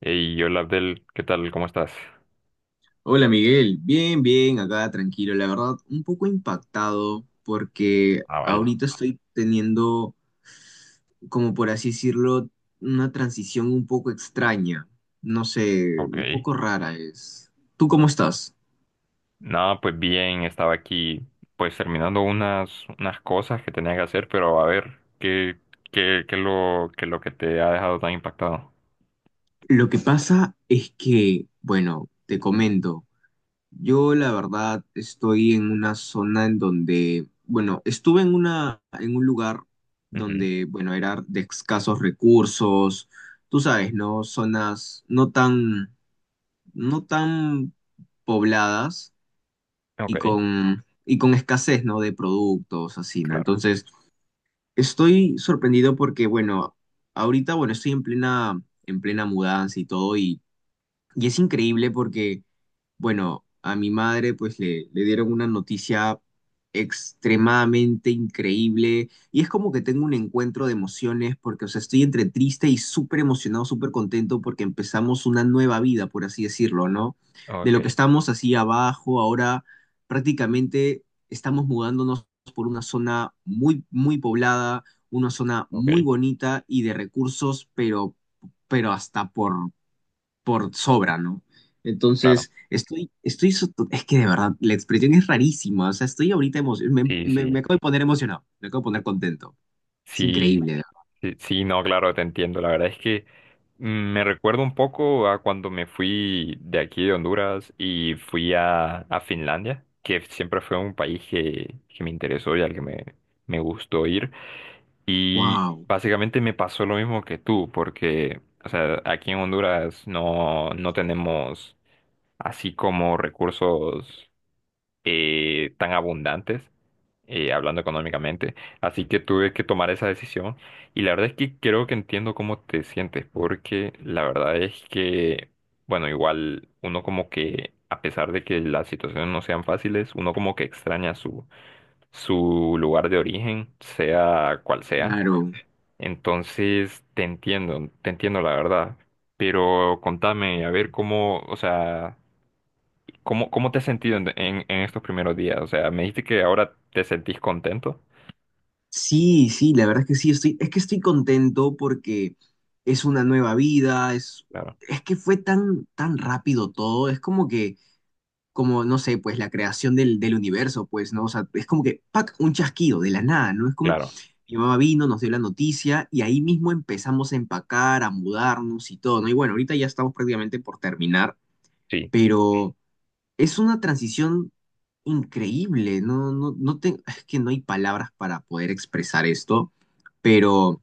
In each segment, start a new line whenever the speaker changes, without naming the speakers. Hey, hola Abdel, ¿qué tal? ¿Cómo estás?
Hola Miguel, bien, bien, acá tranquilo, la verdad, un poco impactado porque
Ah, vaya,
ahorita estoy teniendo, como por así decirlo, una transición un poco extraña, no sé, un
ok.
poco rara es. ¿Tú cómo estás?
Nada, pues bien, estaba aquí pues terminando unas cosas que tenía que hacer, pero a ver, ¿qué es lo que te ha dejado tan impactado?
Lo que pasa es que, bueno, te comento. Yo la verdad estoy en una zona en donde, bueno, estuve en una, en un lugar
Ujú.
donde, bueno, era de escasos recursos, tú sabes, ¿no? Zonas no tan, no tan pobladas
Ok,
y con escasez, ¿no? De productos, así, ¿no?
claro.
Entonces, estoy sorprendido porque, bueno, ahorita, bueno, estoy en plena mudanza y todo y es increíble porque, bueno, a mi madre pues le dieron una noticia extremadamente increíble y es como que tengo un encuentro de emociones porque, o sea, estoy entre triste y súper emocionado, súper contento porque empezamos una nueva vida, por así decirlo, ¿no? De lo que
Ok,
estamos así abajo, ahora prácticamente estamos mudándonos por una zona muy, muy poblada, una zona muy
ok,
bonita y de recursos, pero hasta por sobra, ¿no?
claro.
Entonces, so- es que de verdad, la expresión es rarísima, o sea, estoy ahorita emocionado, me,
Sí,
me, me
sí.
acabo de poner emocionado, me acabo de poner contento, es
Sí.
increíble,
Sí, sí, no, claro, te entiendo. La verdad es que me recuerdo un poco a cuando me fui de aquí de Honduras y fui a Finlandia, que siempre fue un país que me interesó y al que me gustó ir. Y
wow,
básicamente me pasó lo mismo que tú, porque, o sea, aquí en Honduras no tenemos así como recursos tan abundantes y hablando económicamente. Así que tuve que tomar esa decisión y la verdad es que creo que entiendo cómo te sientes, porque la verdad es que, bueno, igual uno como que, a pesar de que las situaciones no sean fáciles, uno como que extraña su lugar de origen, sea cual sea.
claro,
Entonces, te entiendo la verdad. Pero contame, a ver cómo, o sea, cómo te has sentido en estos primeros días. O sea, me dijiste que ahora te sentís contento.
sí, sí, la verdad es que sí, estoy, es que estoy contento porque es una nueva vida,
Claro.
es que fue tan, tan rápido todo, es como que como, no sé, pues la creación del universo, pues, ¿no? O sea, es como que, ¡pac!, un chasquido de la nada, ¿no? Es como,
Claro,
mi mamá vino, nos dio la noticia y ahí mismo empezamos a empacar, a mudarnos y todo, ¿no? Y bueno, ahorita ya estamos prácticamente por terminar,
sí,
pero es una transición increíble, no te- es que no hay palabras para poder expresar esto, pero...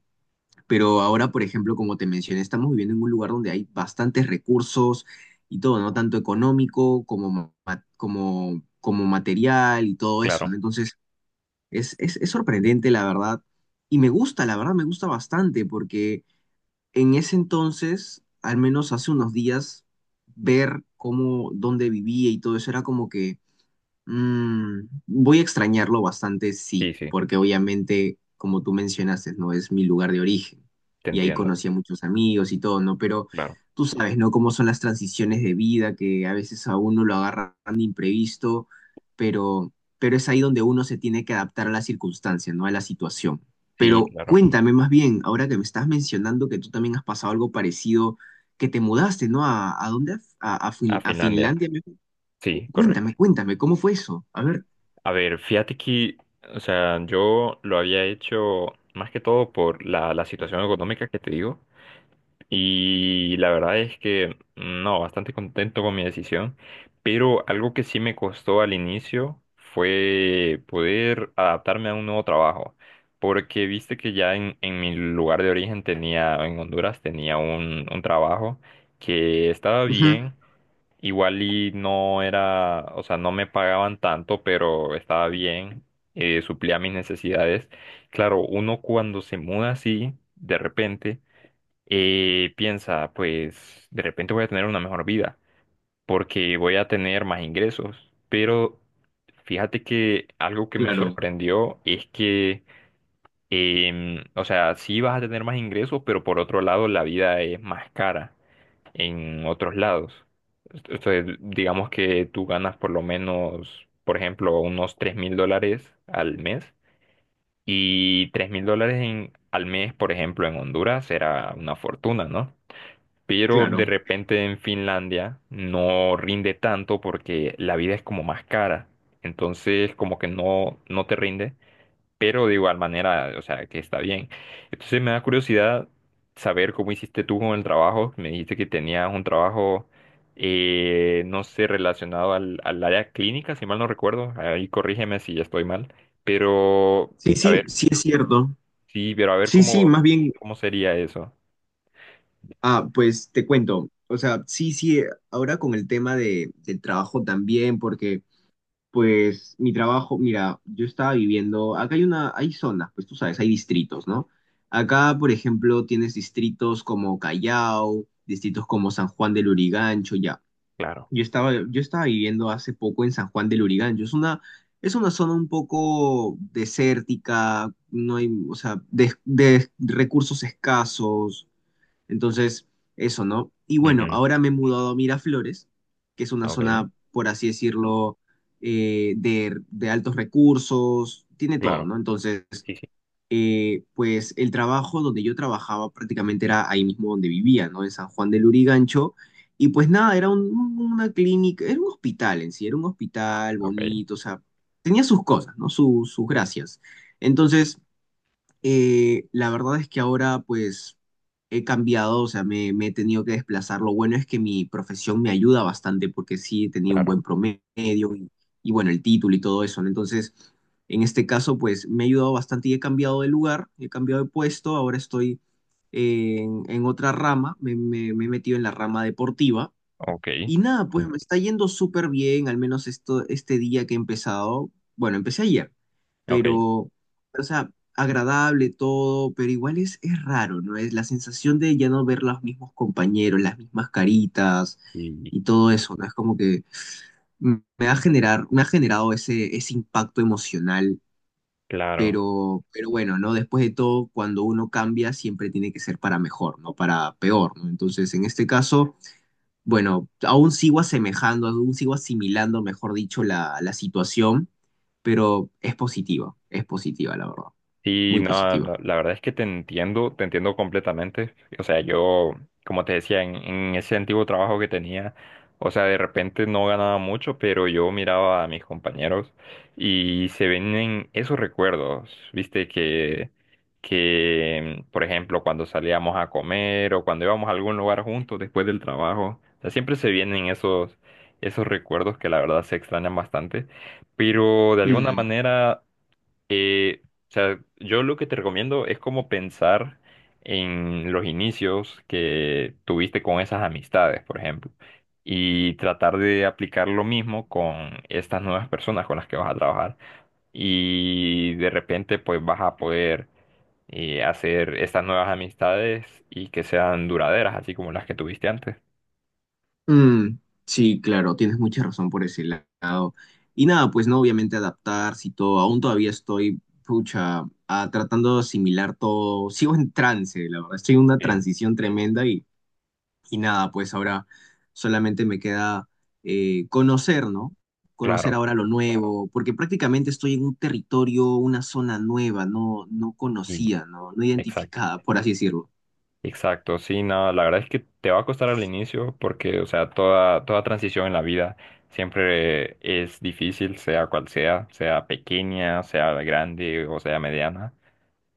Pero ahora, por ejemplo, como te mencioné, estamos viviendo en un lugar donde hay bastantes recursos y todo, ¿no? Tanto económico como, ma- como, como material y todo eso,
claro,
¿no? Entonces, es sorprendente, la verdad. Y me gusta, la verdad, me gusta bastante, porque en ese entonces, al menos hace unos días, ver cómo, dónde vivía y todo eso era como que mm, voy a extrañarlo bastante, sí,
sí, sí,
porque obviamente, como tú mencionaste, no es mi lugar de origen
te
y ahí
entiendo,
conocí a muchos amigos y todo, ¿no? Pero
claro,
tú sabes, ¿no? Cómo son las transiciones de vida que a veces a uno lo agarran de imprevisto, pero, pero es ahí donde uno se tiene que adaptar a las circunstancias, ¿no? A la situación.
sí,
Pero
claro,
cuéntame más bien, ahora que me estás mencionando que tú también has pasado algo parecido, que te mudaste, ¿no? A dónde? A
a
Fin- a
Finlandia,
Finlandia?
sí, correcto.
Cuéntame, cuéntame, ¿cómo fue eso? A ver.
A ver, fíjate que, o sea, yo lo había hecho más que todo por la situación económica que te digo. Y la verdad es que no, bastante contento con mi decisión, pero algo que sí me costó al inicio fue poder adaptarme a un nuevo trabajo, porque viste que ya en mi lugar de origen tenía, en Honduras tenía un trabajo que estaba
Ujú,
bien, igual y no era, o sea, no me pagaban tanto, pero estaba bien, suplía mis necesidades. Claro, uno cuando se muda así, de repente y piensa, pues de repente voy a tener una mejor vida porque voy a tener más ingresos. Pero fíjate que algo que me
claro,
sorprendió es que, o sea, sí vas a tener más ingresos, pero por otro lado la vida es más cara en otros lados. Entonces, digamos que tú ganas por lo menos, por ejemplo, unos $3.000 al mes. Y $3.000 al mes, por ejemplo, en Honduras era una fortuna, ¿no? Pero de
claro.
repente en Finlandia no rinde tanto porque la vida es como más cara, entonces como que no te rinde, pero de igual manera, o sea, que está bien. Entonces me da curiosidad saber cómo hiciste tú con el trabajo, me dijiste que tenías un trabajo, no sé, relacionado al área clínica, si mal no recuerdo, ahí corrígeme si estoy mal, pero
Sí,
a
sí,
ver,
sí es cierto.
sí, pero a ver
Sí, sí,
cómo,
más bien,
cómo sería eso.
ah, pues te cuento. O sea, sí, sí, ahora con el tema de, del trabajo también, porque pues mi trabajo, mira, yo estaba viviendo, acá hay una, hay zonas, pues tú sabes, hay distritos, ¿no? Acá, por ejemplo, tienes distritos como Callao, distritos como San Juan del Lurigancho, ya.
Claro.
Yo estaba viviendo hace poco en San Juan del Urigancho. Es una zona un poco desértica, no hay, o sea, de recursos escasos. Entonces, eso, ¿no? Y bueno,
Ujú.
ahora me he mudado a Miraflores, que es una
Ok,
zona, por así decirlo, de altos recursos, tiene todo,
claro.
¿no? Entonces, pues el trabajo donde yo trabajaba prácticamente era ahí mismo donde vivía, ¿no? En San Juan del Lurigancho. Y pues nada, era un- una clínica, era un hospital en sí, era un hospital
Ok,
bonito, o sea, tenía sus cosas, ¿no? Su- sus gracias. Entonces, la verdad es que ahora pues he cambiado, o sea, me he tenido que desplazar. Lo bueno es que mi profesión me ayuda bastante porque sí he tenido un
claro,
buen promedio y, bueno, el título y todo eso, ¿no? Entonces, en este caso pues me ha ayudado bastante y he cambiado de lugar, he cambiado de puesto, ahora estoy en otra rama, me, me he metido en la rama deportiva
ok,
y nada, pues me está yendo súper bien, al menos esto, este día que he empezado. Bueno, empecé ayer,
ok,
pero, o sea, agradable todo, pero igual es raro, ¿no? Es la sensación de ya no ver los mismos compañeros, las mismas caritas
sí,
y todo eso, ¿no? Es como que me ha generar, me ha generado ese, ese impacto emocional,
claro.
pero bueno, ¿no? Después de todo, cuando uno cambia, siempre tiene que ser para mejor, no para peor, ¿no? Entonces, en este caso... Bueno, aún sigo asemejando, aún sigo asimilando, mejor dicho, la situación, pero es positiva, la verdad,
Sí,
muy
no,
positiva.
la verdad es que te entiendo completamente. O sea, yo, como te decía, en ese antiguo trabajo que tenía, o sea, de repente no ganaba mucho, pero yo miraba a mis compañeros y se vienen esos recuerdos, viste, que, por ejemplo, cuando salíamos a comer o cuando íbamos a algún lugar juntos después del trabajo, o sea, siempre se vienen esos recuerdos que la verdad se extrañan bastante, pero de alguna
Mm,
manera eh, o sea, yo lo que te recomiendo es como pensar en los inicios que tuviste con esas amistades, por ejemplo, y tratar de aplicar lo mismo con estas nuevas personas con las que vas a trabajar. Y de repente, pues vas a poder hacer estas nuevas amistades y que sean duraderas, así como las que tuviste antes.
mm, sí, claro, tienes mucha razón por ese lado. Y nada, pues no, obviamente adaptarse y todo, aún todavía estoy, pucha, ah, tratando de asimilar todo, sigo en trance, la verdad, estoy en una
Sí.
transición tremenda y nada, pues ahora solamente me queda conocer, ¿no? Conocer
Claro,
ahora lo nuevo, porque prácticamente estoy en un territorio, una zona nueva, no, no
y
conocida, ¿no? No
exacto.
identificada, por así decirlo.
Exacto, sí, no, la verdad es que te va a costar al inicio porque, o sea, toda transición en la vida siempre es difícil, sea cual sea, sea pequeña, sea grande o sea mediana,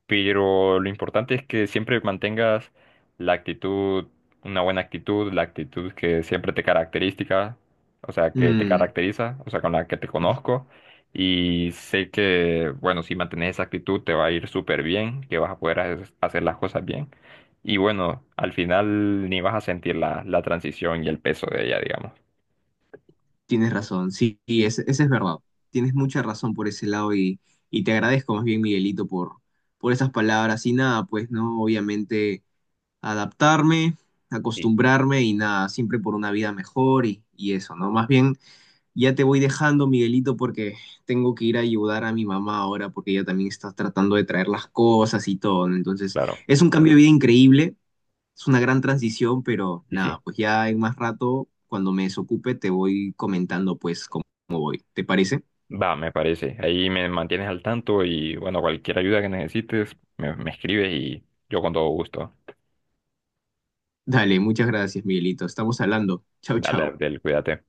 pero lo importante es que siempre mantengas la actitud, una buena actitud, la actitud que siempre te característica, o sea, que te
Mm,
caracteriza, o sea, con la que te conozco. Y sé que, bueno, si mantienes esa actitud te va a ir súper bien, que vas a poder hacer las cosas bien. Y bueno, al final ni vas a sentir la transición y el peso de ella, digamos.
tienes razón, sí, y es- esa es verdad. Tienes mucha razón por ese lado y te agradezco más bien, Miguelito, por esas palabras. Y nada, pues, ¿no? Obviamente adaptarme,
Sí.
acostumbrarme y nada, siempre por una vida mejor y eso, ¿no? Más bien... Ya te voy dejando, Miguelito, porque tengo que ir a ayudar a mi mamá ahora, porque ella también está tratando de traer las cosas y todo. ¿No? Entonces,
Claro,
es un cambio de vida increíble, es una gran transición, pero
sí, sí.
nada, pues ya en más rato, cuando me desocupe, te voy comentando pues cómo cómo voy. ¿Te parece?
Va, me parece. Ahí me mantienes al tanto y bueno, cualquier ayuda que necesites, me escribes y yo con todo gusto.
Dale, muchas gracias, Miguelito. Estamos hablando. Chau,
Dale,
chau.
Abdel, cuídate.